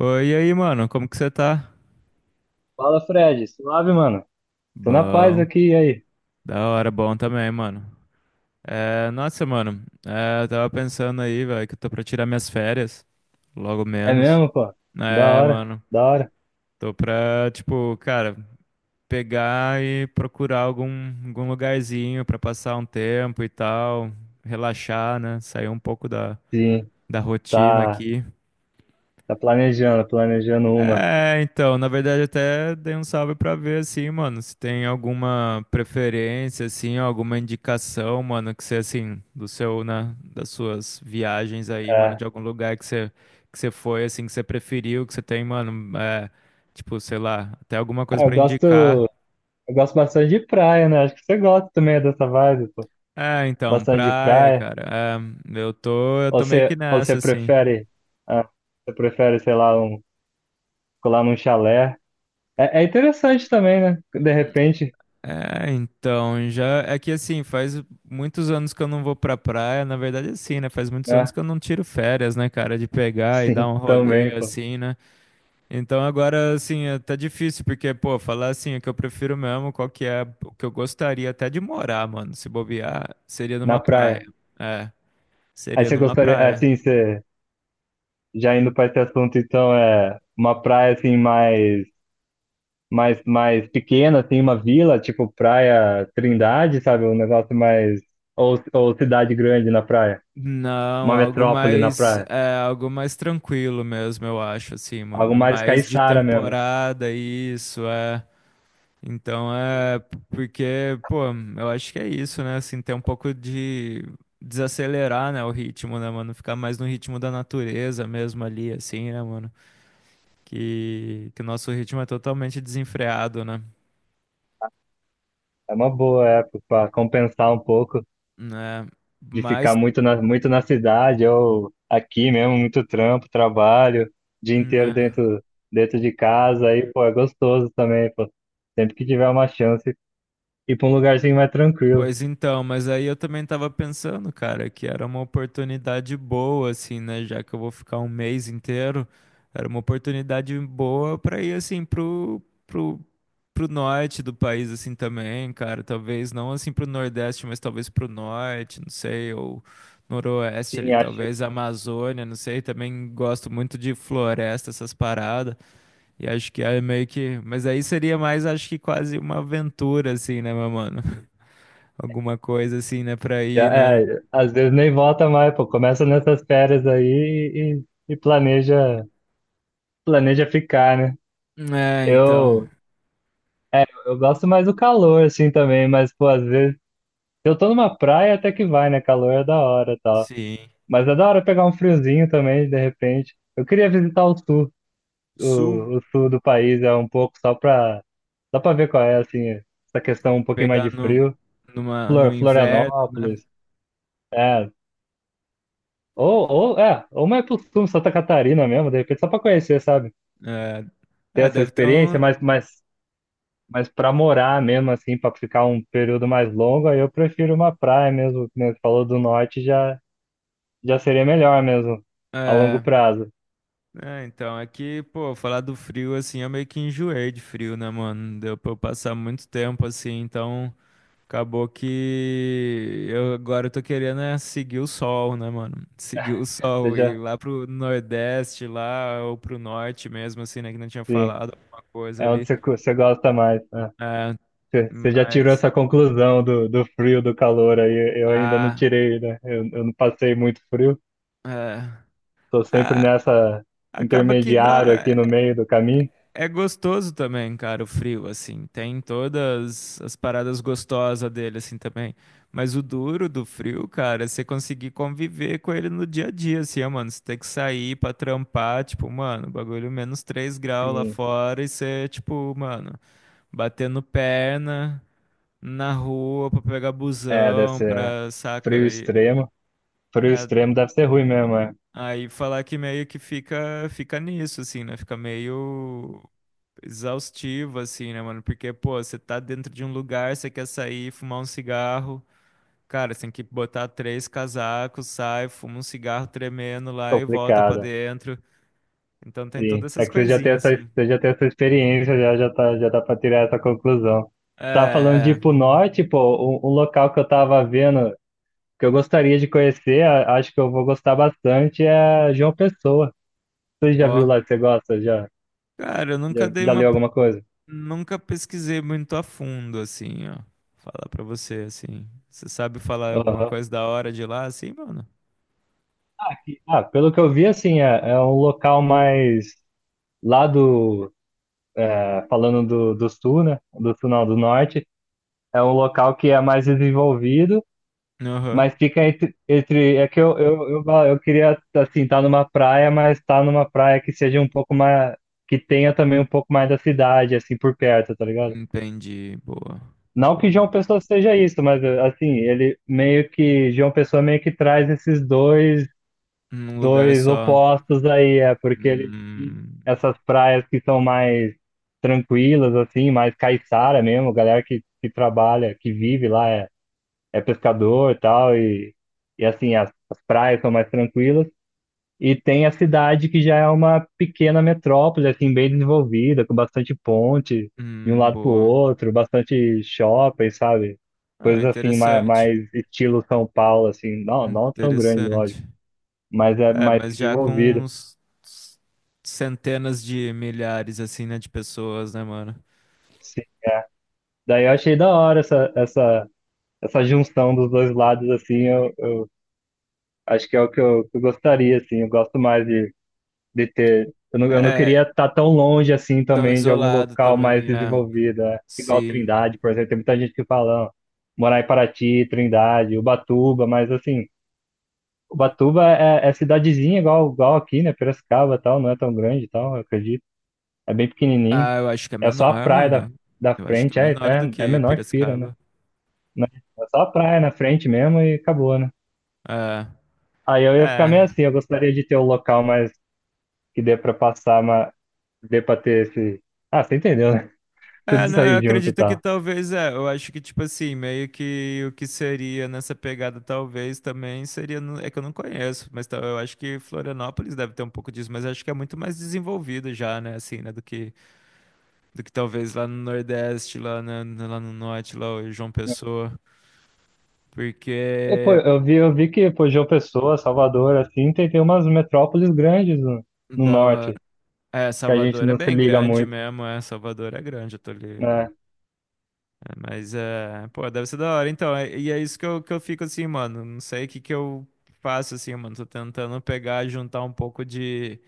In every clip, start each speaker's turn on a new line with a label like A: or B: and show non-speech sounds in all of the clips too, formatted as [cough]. A: Oi, e aí, mano, como que você tá?
B: Fala, Fred. Suave, mano. Tô na paz
A: Bom,
B: aqui, e aí?
A: da hora, bom também, mano. Nossa, mano, eu tava pensando aí, velho, que eu tô pra tirar minhas férias, logo
B: É
A: menos.
B: mesmo, pô? Da
A: É,
B: hora,
A: mano,
B: da hora.
A: tô pra, tipo, cara, pegar e procurar algum lugarzinho pra passar um tempo e tal, relaxar, né, sair um pouco
B: Sim,
A: da rotina
B: tá,
A: aqui.
B: tá, planejando uma.
A: É, então, na verdade até dei um salve pra ver assim, mano, se tem alguma preferência assim, alguma indicação, mano, que você assim, do seu, né, das suas viagens aí, mano,
B: É.
A: de algum lugar que você foi assim, que você preferiu, que você tem, mano, é, tipo, sei lá, até alguma
B: Ah,
A: coisa
B: eu
A: pra
B: gosto,
A: indicar.
B: eu gosto bastante de praia, né? Acho que você gosta também dessa vibe, pô.
A: É, então,
B: Bastante de
A: praia,
B: praia.
A: cara. É, eu
B: Ou
A: tô meio que
B: você, ou você
A: nessa assim.
B: prefere, ah, você prefere, sei lá, um, colar num chalé. É, é interessante também, né? De repente,
A: É, então, já é que assim, faz muitos anos que eu não vou pra praia, na verdade assim, né? Faz muitos anos
B: né?
A: que eu não tiro férias, né, cara, de pegar e dar
B: Sim,
A: um
B: [laughs]
A: rolê
B: também, pô.
A: assim, né? Então agora assim, tá difícil porque, pô, falar assim, o que eu prefiro mesmo, qual que é o que eu gostaria até de morar, mano, se bobear, seria
B: Na
A: numa praia.
B: praia.
A: É,
B: Aí
A: seria
B: você
A: numa
B: gostaria,
A: praia.
B: assim, você já indo para esse assunto, então, é uma praia assim mais, mais pequena, assim, uma vila, tipo Praia Trindade, sabe? Um negócio mais. Ou cidade grande na praia,
A: Não,
B: uma
A: algo
B: metrópole na
A: mais,
B: praia.
A: é, algo mais tranquilo mesmo, eu acho, assim,
B: Algo
A: mano.
B: mais
A: Mais de
B: caiçara mesmo.
A: temporada, isso, é. Então é porque, pô, eu acho que é isso, né? Assim, ter um pouco de desacelerar, né, o ritmo, né, mano? Ficar mais no ritmo da natureza mesmo ali, assim, né, mano? Que o nosso ritmo é totalmente desenfreado, né?
B: É uma boa época para compensar um pouco
A: Né?
B: de ficar
A: Mas,
B: muito na, muito na cidade ou aqui mesmo, muito trampo, trabalho, dia inteiro
A: né,
B: dentro, dentro de casa. Aí, pô, é gostoso também, pô. Sempre que tiver uma chance, ir para um lugarzinho mais tranquilo.
A: pois então, mas aí eu também tava pensando, cara, que era uma oportunidade boa, assim, né? Já que eu vou ficar um mês inteiro, era uma oportunidade boa pra ir, assim, pro, pro norte do país, assim, também, cara. Talvez não, assim, pro Nordeste, mas talvez pro Norte, não sei, ou Noroeste ali,
B: Sim, acho que
A: talvez Amazônia, não sei. Também gosto muito de floresta, essas paradas. E acho que é meio que. Mas aí seria mais, acho que quase uma aventura, assim, né, meu mano? Alguma coisa assim, né? Pra ir
B: já-
A: na.
B: é, às vezes nem volta mais, pô. Começa nessas férias aí e planeja, planeja ficar, né?
A: É, então.
B: Eu, é, eu gosto mais do calor, assim, também, mas, pô, às vezes, se eu tô numa praia até que vai, né? Calor é da hora e tal.
A: Sim.
B: Mas é da hora pegar um friozinho também, de repente. Eu queria visitar
A: Sul,
B: o sul do país, é um pouco só pra ver qual é, assim, essa questão um pouquinho mais
A: pegar
B: de
A: no,
B: frio.
A: numa, no
B: Flor,
A: inverno, né?
B: Florianópolis, é. Ou, ou, é, ou mais pro sul, Santa Catarina mesmo, de repente, só pra conhecer, sabe? Ter
A: É, é,
B: essa
A: deve ter um.
B: experiência, mas pra morar mesmo, assim, pra ficar um período mais longo, aí eu prefiro uma praia mesmo, como você falou do norte, já, já seria melhor mesmo, a longo
A: É,
B: prazo.
A: é, então, aqui, pô, falar do frio assim, eu meio que enjoei de frio, né, mano? Deu pra eu passar muito tempo assim, então acabou que eu agora eu tô querendo é seguir o sol, né, mano? Seguir o
B: Você
A: sol e ir
B: já,
A: lá pro Nordeste, lá, ou pro norte mesmo, assim, né? Que não tinha
B: sim,
A: falado alguma coisa
B: é onde
A: ali.
B: você, cu- você gosta mais, né?
A: É,
B: Você já tirou
A: mas
B: essa conclusão do, do frio, do calor, aí eu ainda não
A: a,
B: tirei, né? Eu não passei muito frio,
A: é,
B: tô sempre
A: a-
B: nessa
A: acaba que
B: intermediário
A: dá,
B: aqui no
A: é
B: meio do caminho.
A: é gostoso também, cara, o frio, assim. Tem todas as paradas gostosas dele, assim, também. Mas o duro do frio, cara, é você conseguir conviver com ele no dia a dia, assim, ó, mano. Você tem que sair pra trampar, tipo, mano, bagulho menos 3 graus lá
B: Sim.
A: fora e você, tipo, mano, batendo perna na rua pra pegar
B: É, deve
A: busão,
B: ser é.
A: pra,
B: Frio
A: saca? E,
B: extremo. Frio
A: é,
B: extremo deve ser ruim mesmo, é
A: aí falar que meio que fica, fica nisso, assim, né? Fica meio exaustivo, assim, né, mano? Porque, pô, você tá dentro de um lugar, você quer sair, fumar um cigarro. Cara, você tem que botar três casacos, sai, fuma um cigarro tremendo lá e volta pra
B: complicado.
A: dentro. Então tem
B: Sim.
A: todas
B: É
A: essas
B: que você já tem
A: coisinhas,
B: essa,
A: assim.
B: você já tem essa experiência, já, já tá, já dá pra tirar essa conclusão.
A: É,
B: Tava falando de ir
A: é.
B: pro norte, pô, um local que eu tava vendo, que eu gostaria de conhecer, a- acho que eu vou gostar bastante, é João Pessoa. Você já
A: Ó.
B: viu lá, você gosta? Já,
A: Cara, eu nunca
B: já,
A: dei
B: já
A: uma.
B: leu alguma coisa?
A: Nunca pesquisei muito a fundo, assim, ó. Falar pra você, assim. Você sabe falar alguma
B: Aham.
A: coisa da hora de lá, assim, mano?
B: Ah, pelo que eu vi, assim, é, é um local mais lá do é, falando do, do sul, né? Do sul, não, do norte, é um local que é mais desenvolvido,
A: Aham.
B: mas fica entre, entre é que eu, eu queria, assim, estar numa praia, mas estar numa praia que seja um pouco mais, que tenha também um pouco mais da cidade, assim, por perto, tá ligado?
A: Entendi. Boa.
B: Não que
A: Boa.
B: João Pessoa seja isso, mas assim, ele meio que, João Pessoa meio que traz esses dois
A: Num lugar
B: dois
A: só.
B: opostos aí, é, porque eles têm
A: Hum,
B: essas praias que são mais tranquilas, assim, mais caiçara mesmo, galera que trabalha, que vive lá, é, é pescador e tal, e assim, as praias são mais tranquilas. E tem a cidade que já é uma pequena metrópole, assim, bem desenvolvida, com bastante ponte de um lado para o
A: boa.
B: outro, bastante shopping, sabe?
A: Ah,
B: Coisas assim, mais,
A: interessante.
B: mais estilo São Paulo, assim, não, não tão grande,
A: Interessante.
B: lógico, mas é
A: É,
B: mais
A: mas já com
B: desenvolvida.
A: uns centenas de milhares, assim, né, de pessoas, né, mano?
B: Sim. Daí eu achei da hora essa, essa, essa junção dos dois lados, assim, eu acho que é o que eu gostaria, assim, eu gosto mais de ter, eu não
A: É,
B: queria estar tão longe, assim,
A: tão
B: também, de algum
A: isolado
B: local mais
A: também, é.
B: desenvolvido, né? Igual
A: Sim.
B: Trindade, por exemplo, tem muita gente que fala, "Não, morar em Paraty, Trindade, Ubatuba, mas, assim, Ubatuba é, é cidadezinha igual, igual aqui, né, Piracicaba e tal, não é tão grande e tal, eu acredito, é bem pequenininho,
A: Ah, eu acho que é
B: é só a
A: menor,
B: praia da,
A: mano.
B: da
A: Eu acho que
B: frente,
A: é
B: é,
A: menor do
B: é, é
A: que
B: menor que Pira, né?
A: Piracicaba.
B: Né? É só a praia na frente mesmo e acabou, né?
A: É,
B: Aí eu ia ficar
A: é.
B: meio assim, eu gostaria de ter um local mais que dê pra passar, mas dê pra ter esse. Ah, você entendeu, né? [laughs] Tudo
A: É, não, eu
B: sair junto e
A: acredito que
B: tal.
A: talvez é. Eu acho que, tipo assim, meio que o que seria nessa pegada, talvez também seria. É que eu não conheço, mas eu acho que Florianópolis deve ter um pouco disso, mas acho que é muito mais desenvolvido já, né, assim, né, do que talvez lá no Nordeste, lá, lá no Norte, lá o João Pessoa,
B: Eu, pô,
A: porque
B: eu vi que, pô, João Pessoa, Salvador, assim, tem, tem umas metrópoles grandes no, no
A: da hora.
B: norte,
A: É,
B: que a gente
A: Salvador é
B: não se
A: bem
B: liga
A: grande
B: muito,
A: mesmo, é. Salvador é grande, eu tô ali.
B: né?
A: É, mas é, pô, deve ser da hora. Então, e é isso que eu fico assim, mano. Não sei o que que eu faço assim, mano. Tô tentando pegar, juntar um pouco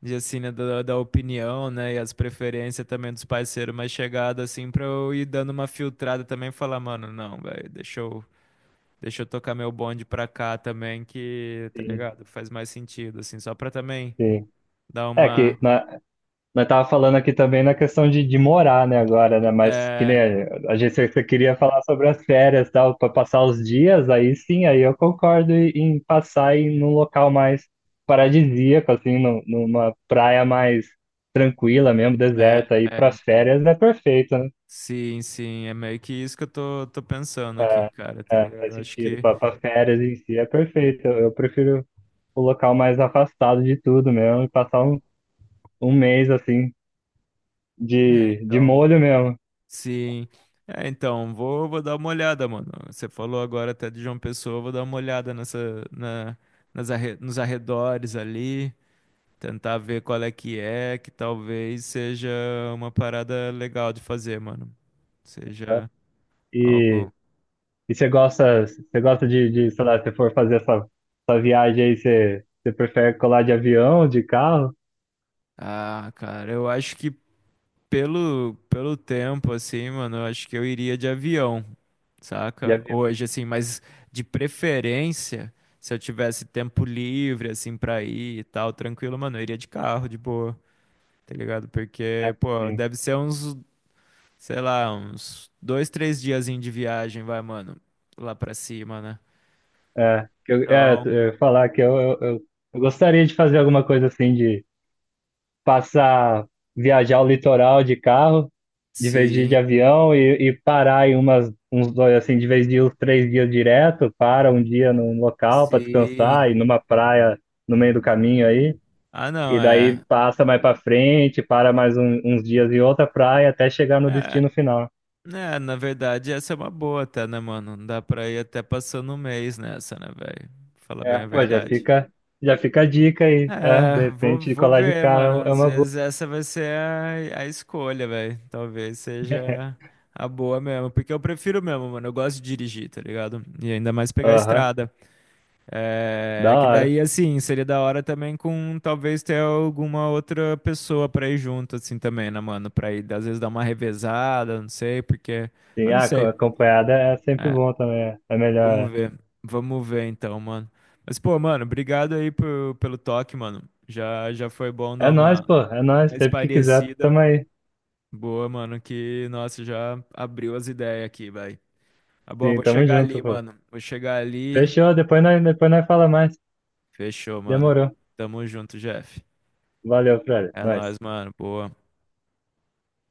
A: de assim, né, da opinião, né, e as preferências também dos parceiros mais chegados, assim, pra eu ir dando uma filtrada também e falar, mano, não, velho, deixa eu tocar meu bonde pra cá também, que, tá
B: Sim,
A: ligado? Faz mais sentido, assim, só pra também
B: sim.
A: dar
B: É que
A: uma.
B: né, nós tava falando aqui também na questão de morar, né, agora, né? Mas que nem
A: É,
B: a, a gente você- você queria falar sobre as férias, tal, para passar os dias, aí sim, aí eu concordo em, em passar em num local mais paradisíaco, assim, num- numa praia mais tranquila mesmo, deserta, aí
A: é,
B: para
A: então.
B: férias é perfeito, né?
A: Sim, é meio que isso que tô pensando aqui, cara, tá
B: É,
A: ligado?
B: faz
A: Eu acho
B: sentido.
A: que.
B: Para férias em si é perfeito. Eu prefiro o local mais afastado de tudo mesmo e passar um, um mês assim
A: É,
B: de
A: então.
B: molho mesmo.
A: Sim. É, então, vou dar uma olhada, mano. Você falou agora até de João Pessoa, eu vou dar uma olhada nessa, na, nos arredores ali, tentar ver qual é, que talvez seja uma parada legal de fazer, mano.
B: Né?
A: Seja
B: E
A: algo.
B: e você gosta de, sei lá, se for fazer essa, essa viagem aí, você, você prefere colar de avião, de carro?
A: Ah, cara, eu acho que pelo tempo, assim, mano, eu acho que eu iria de avião.
B: De
A: Saca?
B: avião,
A: Hoje, assim, mas de preferência, se eu tivesse tempo livre, assim, pra ir e tal, tranquilo, mano, eu iria de carro, de boa, tá ligado?
B: é,
A: Porque, pô,
B: sim.
A: deve ser uns, sei lá, uns dois, três diazinho de viagem, vai, mano, lá pra cima, né?
B: É, que eu, é,
A: Então,
B: eu ia falar que eu gostaria de fazer alguma coisa assim, de passar, viajar o litoral de carro, de vez de ir de
A: sim,
B: avião, e parar em umas, uns dois, assim, de vez de ir uns três dias direto, para um dia num local para
A: sim.
B: descansar, e numa praia no meio do caminho aí.
A: Ah,
B: E
A: não,
B: daí
A: é.
B: passa mais pra frente, para mais um- uns dias em outra praia até chegar no
A: É,
B: destino final.
A: né, na verdade, essa é uma boa até, né, mano? Dá pra ir até passando um mês nessa, né, velho? Fala
B: É,
A: bem a
B: pô,
A: verdade.
B: já fica a dica aí. É,
A: É,
B: de repente, de
A: vou
B: colar de
A: ver, mano.
B: carro é
A: Às
B: uma boa.
A: vezes essa vai ser a escolha, velho. Talvez seja a boa mesmo. Porque eu prefiro mesmo, mano. Eu gosto de dirigir, tá ligado? E ainda mais pegar a
B: Aham,
A: estrada. É,
B: da
A: é que
B: hora.
A: daí, assim, seria da hora também com talvez ter alguma outra pessoa pra ir junto, assim, também, né, mano? Pra ir, às vezes, dar uma revezada, não sei, porque.
B: Sim,
A: Mas não
B: ah, co-
A: sei.
B: acompanhada é sempre
A: É,
B: bom também. É é
A: vamos
B: melhor.
A: ver. Vamos ver então, mano. Mas, pô, mano, obrigado aí pelo toque, mano. Já foi bom
B: É é
A: dar
B: nóis,
A: uma
B: pô, é nóis.
A: mais
B: Sempre que quiser,
A: parecida.
B: tamo aí.
A: Boa, mano, que, nossa, já abriu as ideias aqui, vai. Tá bom,
B: Sim,
A: vou
B: tamo
A: chegar
B: junto,
A: ali,
B: pô.
A: mano. Vou chegar ali.
B: Fechou, depois nós fala mais.
A: Fechou, mano.
B: Demorou.
A: Tamo junto, Jeff.
B: Valeu, Fred.
A: É nóis,
B: Nóis.
A: mano. Boa.